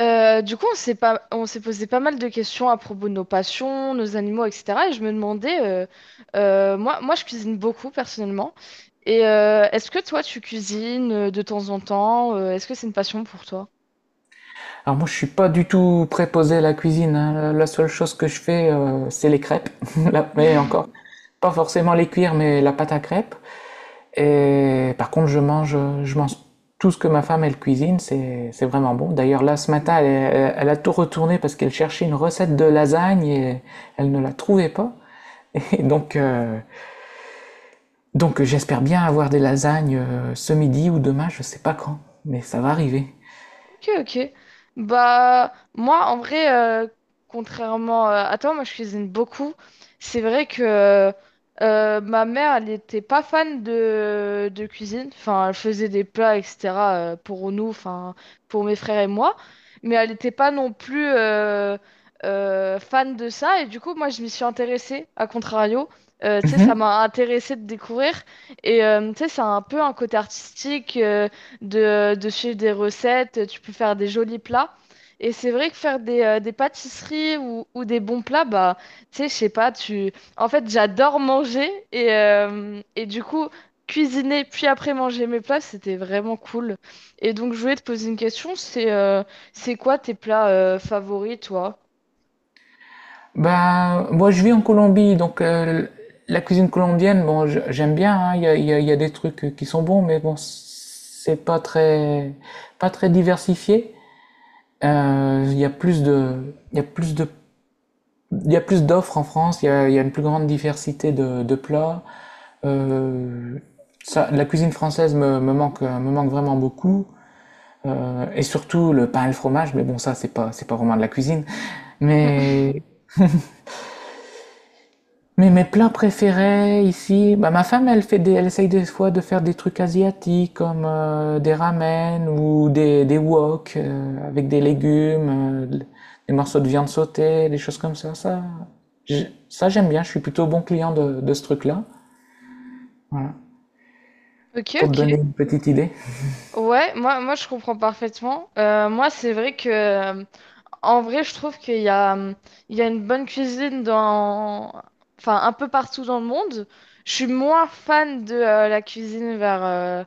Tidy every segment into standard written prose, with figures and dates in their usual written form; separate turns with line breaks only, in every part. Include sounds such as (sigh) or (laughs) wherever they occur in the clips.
On s'est pas... on s'est posé pas mal de questions à propos de nos passions, nos animaux, etc. Et je me demandais, moi, je cuisine beaucoup personnellement. Est-ce que toi, tu cuisines de temps en temps? Est-ce que c'est une passion pour toi?
Alors moi, je suis pas du tout préposé à la cuisine, hein. La seule chose que je fais, c'est les crêpes. (laughs) Là, Mais
(laughs)
encore, pas forcément les cuire, mais la pâte à crêpes. Et par contre, je mange tout ce que ma femme, elle cuisine. C'est vraiment bon. D'ailleurs, là, ce matin, elle a tout retourné parce qu'elle cherchait une recette de lasagne et elle ne la trouvait pas. (laughs) Et donc, euh, donc j'espère bien avoir des lasagnes ce midi ou demain, je sais pas quand, mais ça va arriver.
Ok, ok. Bah, moi, en vrai, euh, contrairement, à toi, moi, je cuisine beaucoup. C'est vrai que ma mère, elle n'était pas fan de cuisine. Enfin, elle faisait des plats, etc., pour nous, enfin, pour mes frères et moi. Mais elle n'était pas non plus fan de ça. Et du coup, moi, je m'y suis intéressée, à contrario. Tu sais, ça
Mhm.
m'a intéressée de découvrir. Et tu sais, ça a un peu un côté artistique. De de suivre des recettes, tu peux faire des jolis plats. Et c'est vrai que faire des pâtisseries ou des bons plats, bah, tu sais, je sais pas, En fait, j'adore manger et du coup, cuisiner puis après manger mes plats, c'était vraiment cool. Et donc, je voulais te poser une question, c'est quoi tes plats favoris, toi?
Ben moi je vis en Colombie, donc la cuisine colombienne, bon, j'aime bien, hein, il y a, il y a- il y a des trucs qui sont bons, mais bon, c'est pas très, pas très diversifié. Il y a plus de, il y a plus de, il y a plus d'offres en France, il y a une plus grande diversité de plats. Euh, ça, la cuisine française me manque vraiment beaucoup. Et surtout le pain et le fromage, mais bon, ça, c'est pas vraiment de la cuisine. Mais
(laughs)
Mais mes plats préférés ici, bah, ma femme elle fait des, elle essaye des fois de faire des trucs asiatiques comme des ramen ou des wok avec des légumes, des morceaux de viande sautée, des choses comme ça. Ça, ça j'aime bien, je suis plutôt bon client de ce truc-là. Voilà.
Ok,
Pour te
ok.
donner une petite idée.
Ouais, moi je comprends parfaitement. Moi, c'est vrai que en vrai, je trouve qu'il y a, il y a une bonne cuisine dans, enfin, un peu partout dans le monde. Je suis moins fan de la cuisine vers, euh,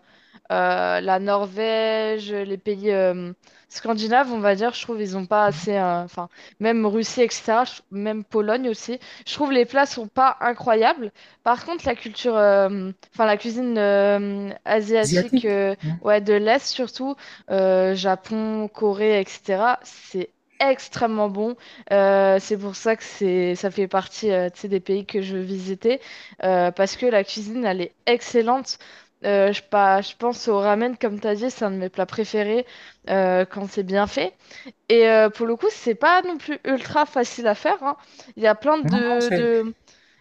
euh, la Norvège, les pays scandinaves, on va dire, je trouve, ils ont pas assez. Enfin, même Russie, etc., même Pologne aussi. Je trouve les plats sont pas incroyables. Par contre, la culture, enfin, la cuisine asiatique,
Asiatique, hein.
ouais, de l'Est surtout, Japon, Corée, etc., c'est extrêmement bon. C'est pour ça que c'est, ça fait partie, tu sais, des pays que je veux visiter, parce que la cuisine, elle est excellente. Je pense au ramen, comme tu as dit, c'est un de mes plats préférés quand c'est bien fait. Et pour le coup, c'est pas non plus ultra facile à faire, hein. Il y a plein
Non, c'est-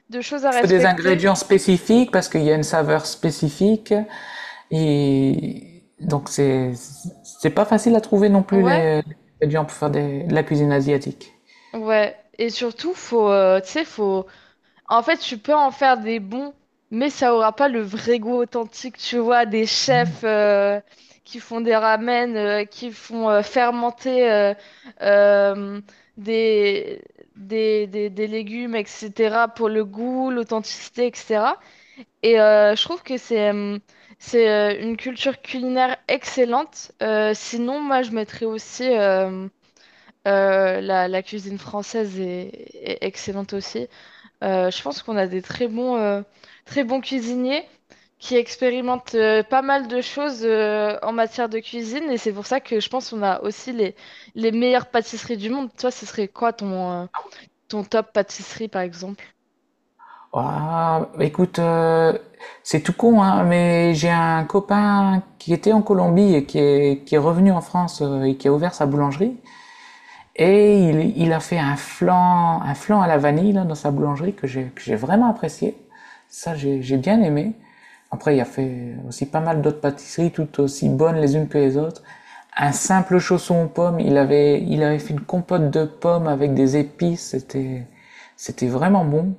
de choses à
il faut des
respecter.
ingrédients spécifiques parce qu'il y a une saveur spécifique. Et donc, c'est pas facile à trouver non plus
Ouais,
les ingrédients pour faire de la cuisine asiatique.
ouais. Et surtout, faut, tu sais, en fait, tu peux en faire des bons, mais ça aura pas le vrai goût authentique, tu vois, des chefs qui font des ramen, qui font fermenter euh, des, des légumes, etc., pour le goût, l'authenticité, etc. Je trouve que c'est une culture culinaire excellente. Sinon, moi, je mettrais aussi la cuisine française est excellente aussi. Je pense qu'on a des très bons cuisiniers qui expérimentent pas mal de choses en matière de cuisine et c'est pour ça que je pense qu'on a aussi les meilleures pâtisseries du monde. Toi, ce serait quoi ton, ton top pâtisserie par exemple?
Ah, écoute, c'est tout con, hein, mais j'ai un copain qui était en Colombie et qui est revenu en France et qui a ouvert sa boulangerie. Et il a fait un flan à la vanille là, dans sa boulangerie que j'ai vraiment apprécié. Ça, j'ai bien aimé. Après, il a fait aussi pas mal d'autres pâtisseries toutes aussi bonnes les unes que les autres. Un simple chausson aux pommes, il avait fait une compote de pommes avec des épices, c'était vraiment bon.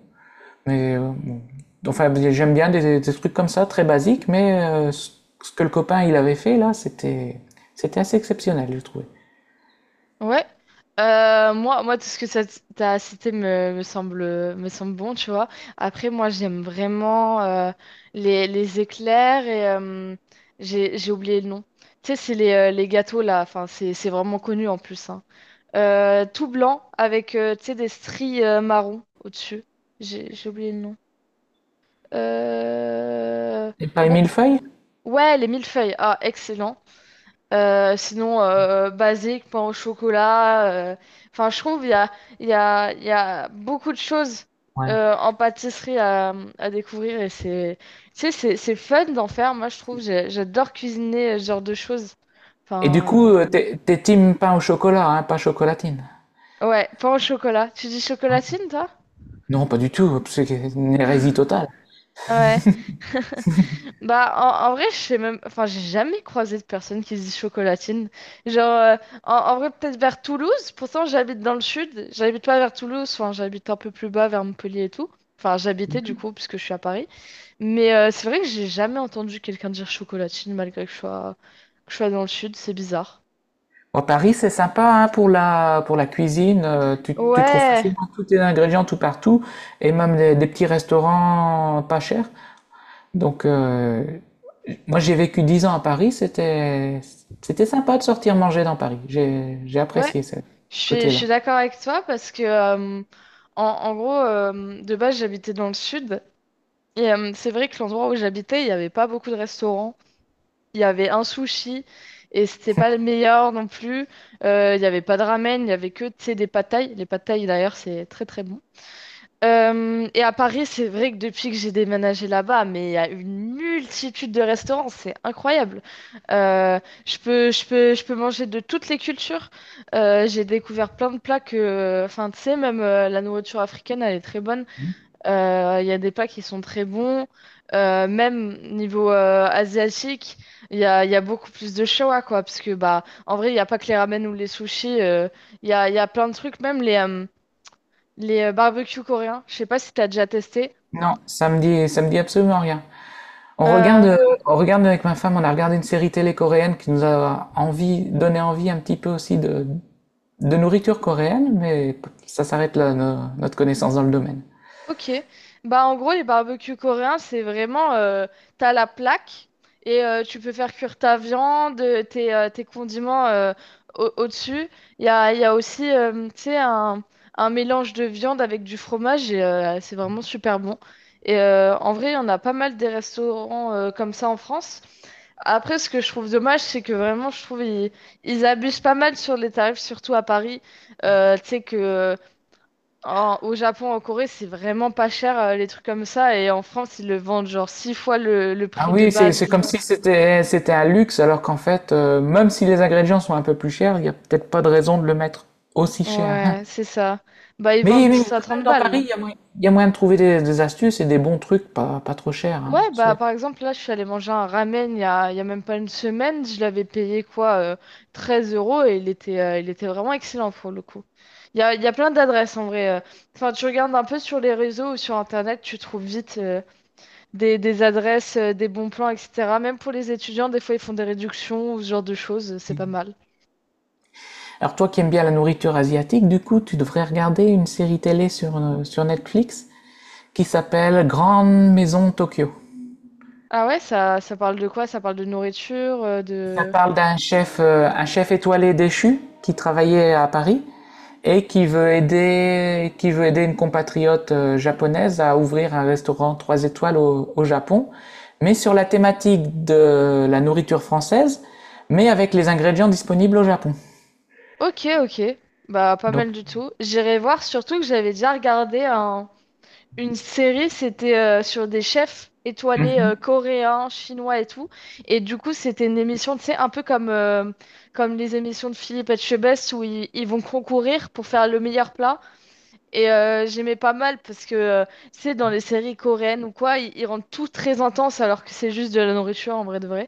Mais euh, bon. Enfin, j'aime bien des trucs comme ça, très basiques, mais ce que le copain il avait fait là, c'était assez exceptionnel, je trouvais.
Ouais. Moi, tout ce que t'as cité me semble bon, tu vois. Après, moi, j'aime vraiment les éclairs et j'ai oublié le nom. Tu sais, c'est les gâteaux là, enfin, c'est vraiment connu en plus, hein. Tout blanc avec tu sais, des stries marron au-dessus. J'ai oublié le nom. Euh,
Et pas
Bon,
mille.
ouais, les millefeuilles. Ah, excellent. Sinon, basique, pain au chocolat. Enfin, je trouve il y a beaucoup de choses
Ouais.
en pâtisserie à découvrir et tu sais, c'est fun d'en faire. Moi, je trouve, j'adore cuisiner ce genre de choses.
Et du
Enfin,
coup, t'es team pain au chocolat, hein, pas chocolatine.
ouais, pain au chocolat. Tu dis chocolatine, toi?
Non, pas du tout, c'est une hérésie totale.
Ouais. (laughs) Bah, en vrai, je sais même. Enfin, j'ai jamais croisé de personne qui se dit chocolatine. Genre, en vrai, peut-être vers Toulouse. Pourtant, j'habite dans le sud. J'habite pas vers Toulouse. Enfin, j'habite un peu plus bas, vers Montpellier et tout. Enfin, j'habitais du coup, puisque je suis à Paris. Mais c'est vrai que j'ai jamais entendu quelqu'un dire chocolatine, malgré que je sois dans le sud. C'est bizarre.
À Paris, c'est sympa hein, pour pour la cuisine. Tu trouves
Ouais,
facilement tous tes ingrédients tout partout et même des petits restaurants pas chers. Donc, moi, j'ai vécu 10 ans à Paris. C'était sympa de sortir manger dans Paris. J'ai
ouais.
apprécié ce
Je
côté-là.
suis d'accord avec toi parce que, en gros, de base, j'habitais dans le sud. Et c'est vrai que l'endroit où j'habitais, il n'y avait pas beaucoup de restaurants. Il y avait un sushi et c'était pas le meilleur non plus. Il y avait pas de ramen, il y avait que, tu sais, des pad thaï. Les pad thaï, d'ailleurs, c'est très très bon. Et à Paris, c'est vrai que depuis que j'ai déménagé là-bas, mais il y a une multitude de restaurants, c'est incroyable. Euh, je peux manger de toutes les cultures. J'ai découvert plein de plats que, enfin, tu sais, même la nourriture africaine, elle est très bonne. Il y a des plats qui sont très bons. Même niveau asiatique, il y a beaucoup plus de choix, quoi. Parce que, bah, en vrai, il n'y a pas que les ramen ou les sushis. Il y a plein de trucs, même les barbecues coréens. Je sais pas si tu as déjà testé.
Non, ça me dit absolument rien. On regarde,
Euh,
euh, on regarde avec ma femme, on a regardé une série télé coréenne qui nous donné envie un petit peu aussi de nourriture coréenne, mais ça s'arrête là, notre connaissance dans le domaine.
Ok, bah en gros les barbecues coréens c'est vraiment t'as la plaque et tu peux faire cuire ta viande, tes, tes condiments au-dessus. Il y a aussi tu sais un mélange de viande avec du fromage et c'est vraiment super bon. Et en vrai il y en a pas mal des restaurants comme ça en France. Après, ce que je trouve dommage, c'est que vraiment, je trouve ils abusent pas mal sur les tarifs, surtout à Paris. Tu sais que au Japon, en Corée, c'est vraiment pas cher, les trucs comme ça. Et en France, ils le vendent genre six fois le
Ah
prix de
oui, c'est
base.
comme si c'était un luxe, alors qu'en fait, même si les ingrédients sont un peu plus chers, il n'y a peut-être pas de raison de le mettre aussi cher.
Ouais, c'est
(laughs)
ça. Bah, ils vendent
Mais
ça à
quand même,
30
dans Paris,
balles.
il y a moyen de trouver des astuces et des bons trucs pas trop chers, hein.
Ouais, bah,
C'est-
par exemple, là, je suis allée manger un ramen il y a même pas une semaine. Je l'avais payé quoi, 13 € et il était vraiment excellent pour le coup. Il y a plein d'adresses en vrai. Enfin, tu regardes un peu sur les réseaux ou sur Internet, tu trouves vite des adresses, des bons plans, etc. Même pour les étudiants, des fois, ils font des réductions ou ce genre de choses. C'est pas mal.
alors toi qui aimes bien la nourriture asiatique, du coup, tu devrais regarder une série télé sur, sur Netflix qui s'appelle Grande Maison Tokyo.
Ah ouais, ça parle de quoi? Ça parle de nourriture, euh,
Ça
de...
parle d'un chef, un chef étoilé déchu qui travaillait à Paris et qui veut aider une compatriote japonaise à ouvrir un restaurant trois étoiles au Japon, mais sur la thématique de la nourriture française, mais avec les ingrédients disponibles au Japon.
Ok, ok. Bah, pas
Donc,
mal du tout. J'irai voir, surtout que j'avais déjà regardé une série, c'était sur des chefs étoilés coréens, chinois et tout. Et du coup, c'était une émission, tu sais, un peu comme les émissions de Philippe Etchebest où ils vont concourir pour faire le meilleur plat. Et j'aimais pas mal parce que, tu sais, dans les séries coréennes ou quoi, ils rendent tout très intense alors que c'est juste de la nourriture en vrai de vrai.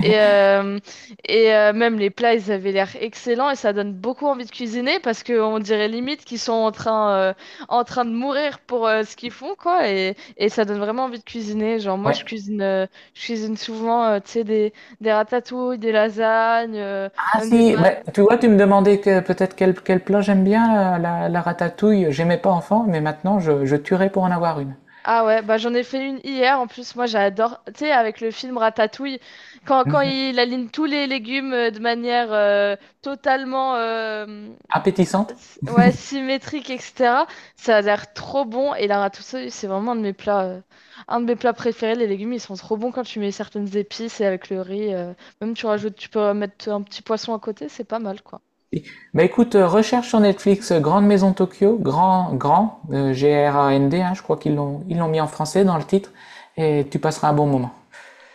Et, euh, et même les plats, ils avaient l'air excellents et ça donne beaucoup envie de cuisiner parce qu'on dirait limite qu'ils sont en train de mourir pour ce qu'ils font, quoi. Et ça donne vraiment envie de cuisiner. Genre, moi, je
ouais.
cuisine, euh, je cuisine souvent, tu sais, des ratatouilles, des lasagnes, euh,
Ah
même des
si, bah, tu vois, tu me demandais que, peut-être quel plat j'aime bien, la ratatouille. J'aimais pas enfant, mais maintenant je tuerais pour en avoir une.
Ah ouais, bah j'en ai fait une hier. En plus, moi j'adore, tu sais, avec le film Ratatouille, quand il aligne tous les légumes de manière totalement euh,
Appétissante.
ouais, symétrique, etc. Ça a l'air trop bon. Et la ratatouille, c'est vraiment un de mes plats, un de mes plats préférés. Les légumes, ils sont trop bons quand tu mets certaines épices et avec le riz. Même tu rajoutes, tu peux mettre un petit poisson à côté, c'est pas mal quoi.
Bah écoute, recherche sur Netflix Grande Maison Tokyo, Grand, hein, je crois ils l'ont mis en français dans le titre, et tu passeras un bon moment.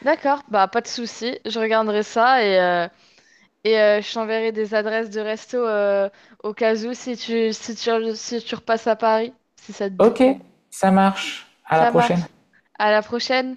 D'accord, bah pas de souci, je regarderai ça et je t'enverrai des adresses de resto au cas où si tu, si tu repasses à Paris, si ça te dit.
Ok, ça marche, à la
Ça marche.
prochaine.
À la prochaine!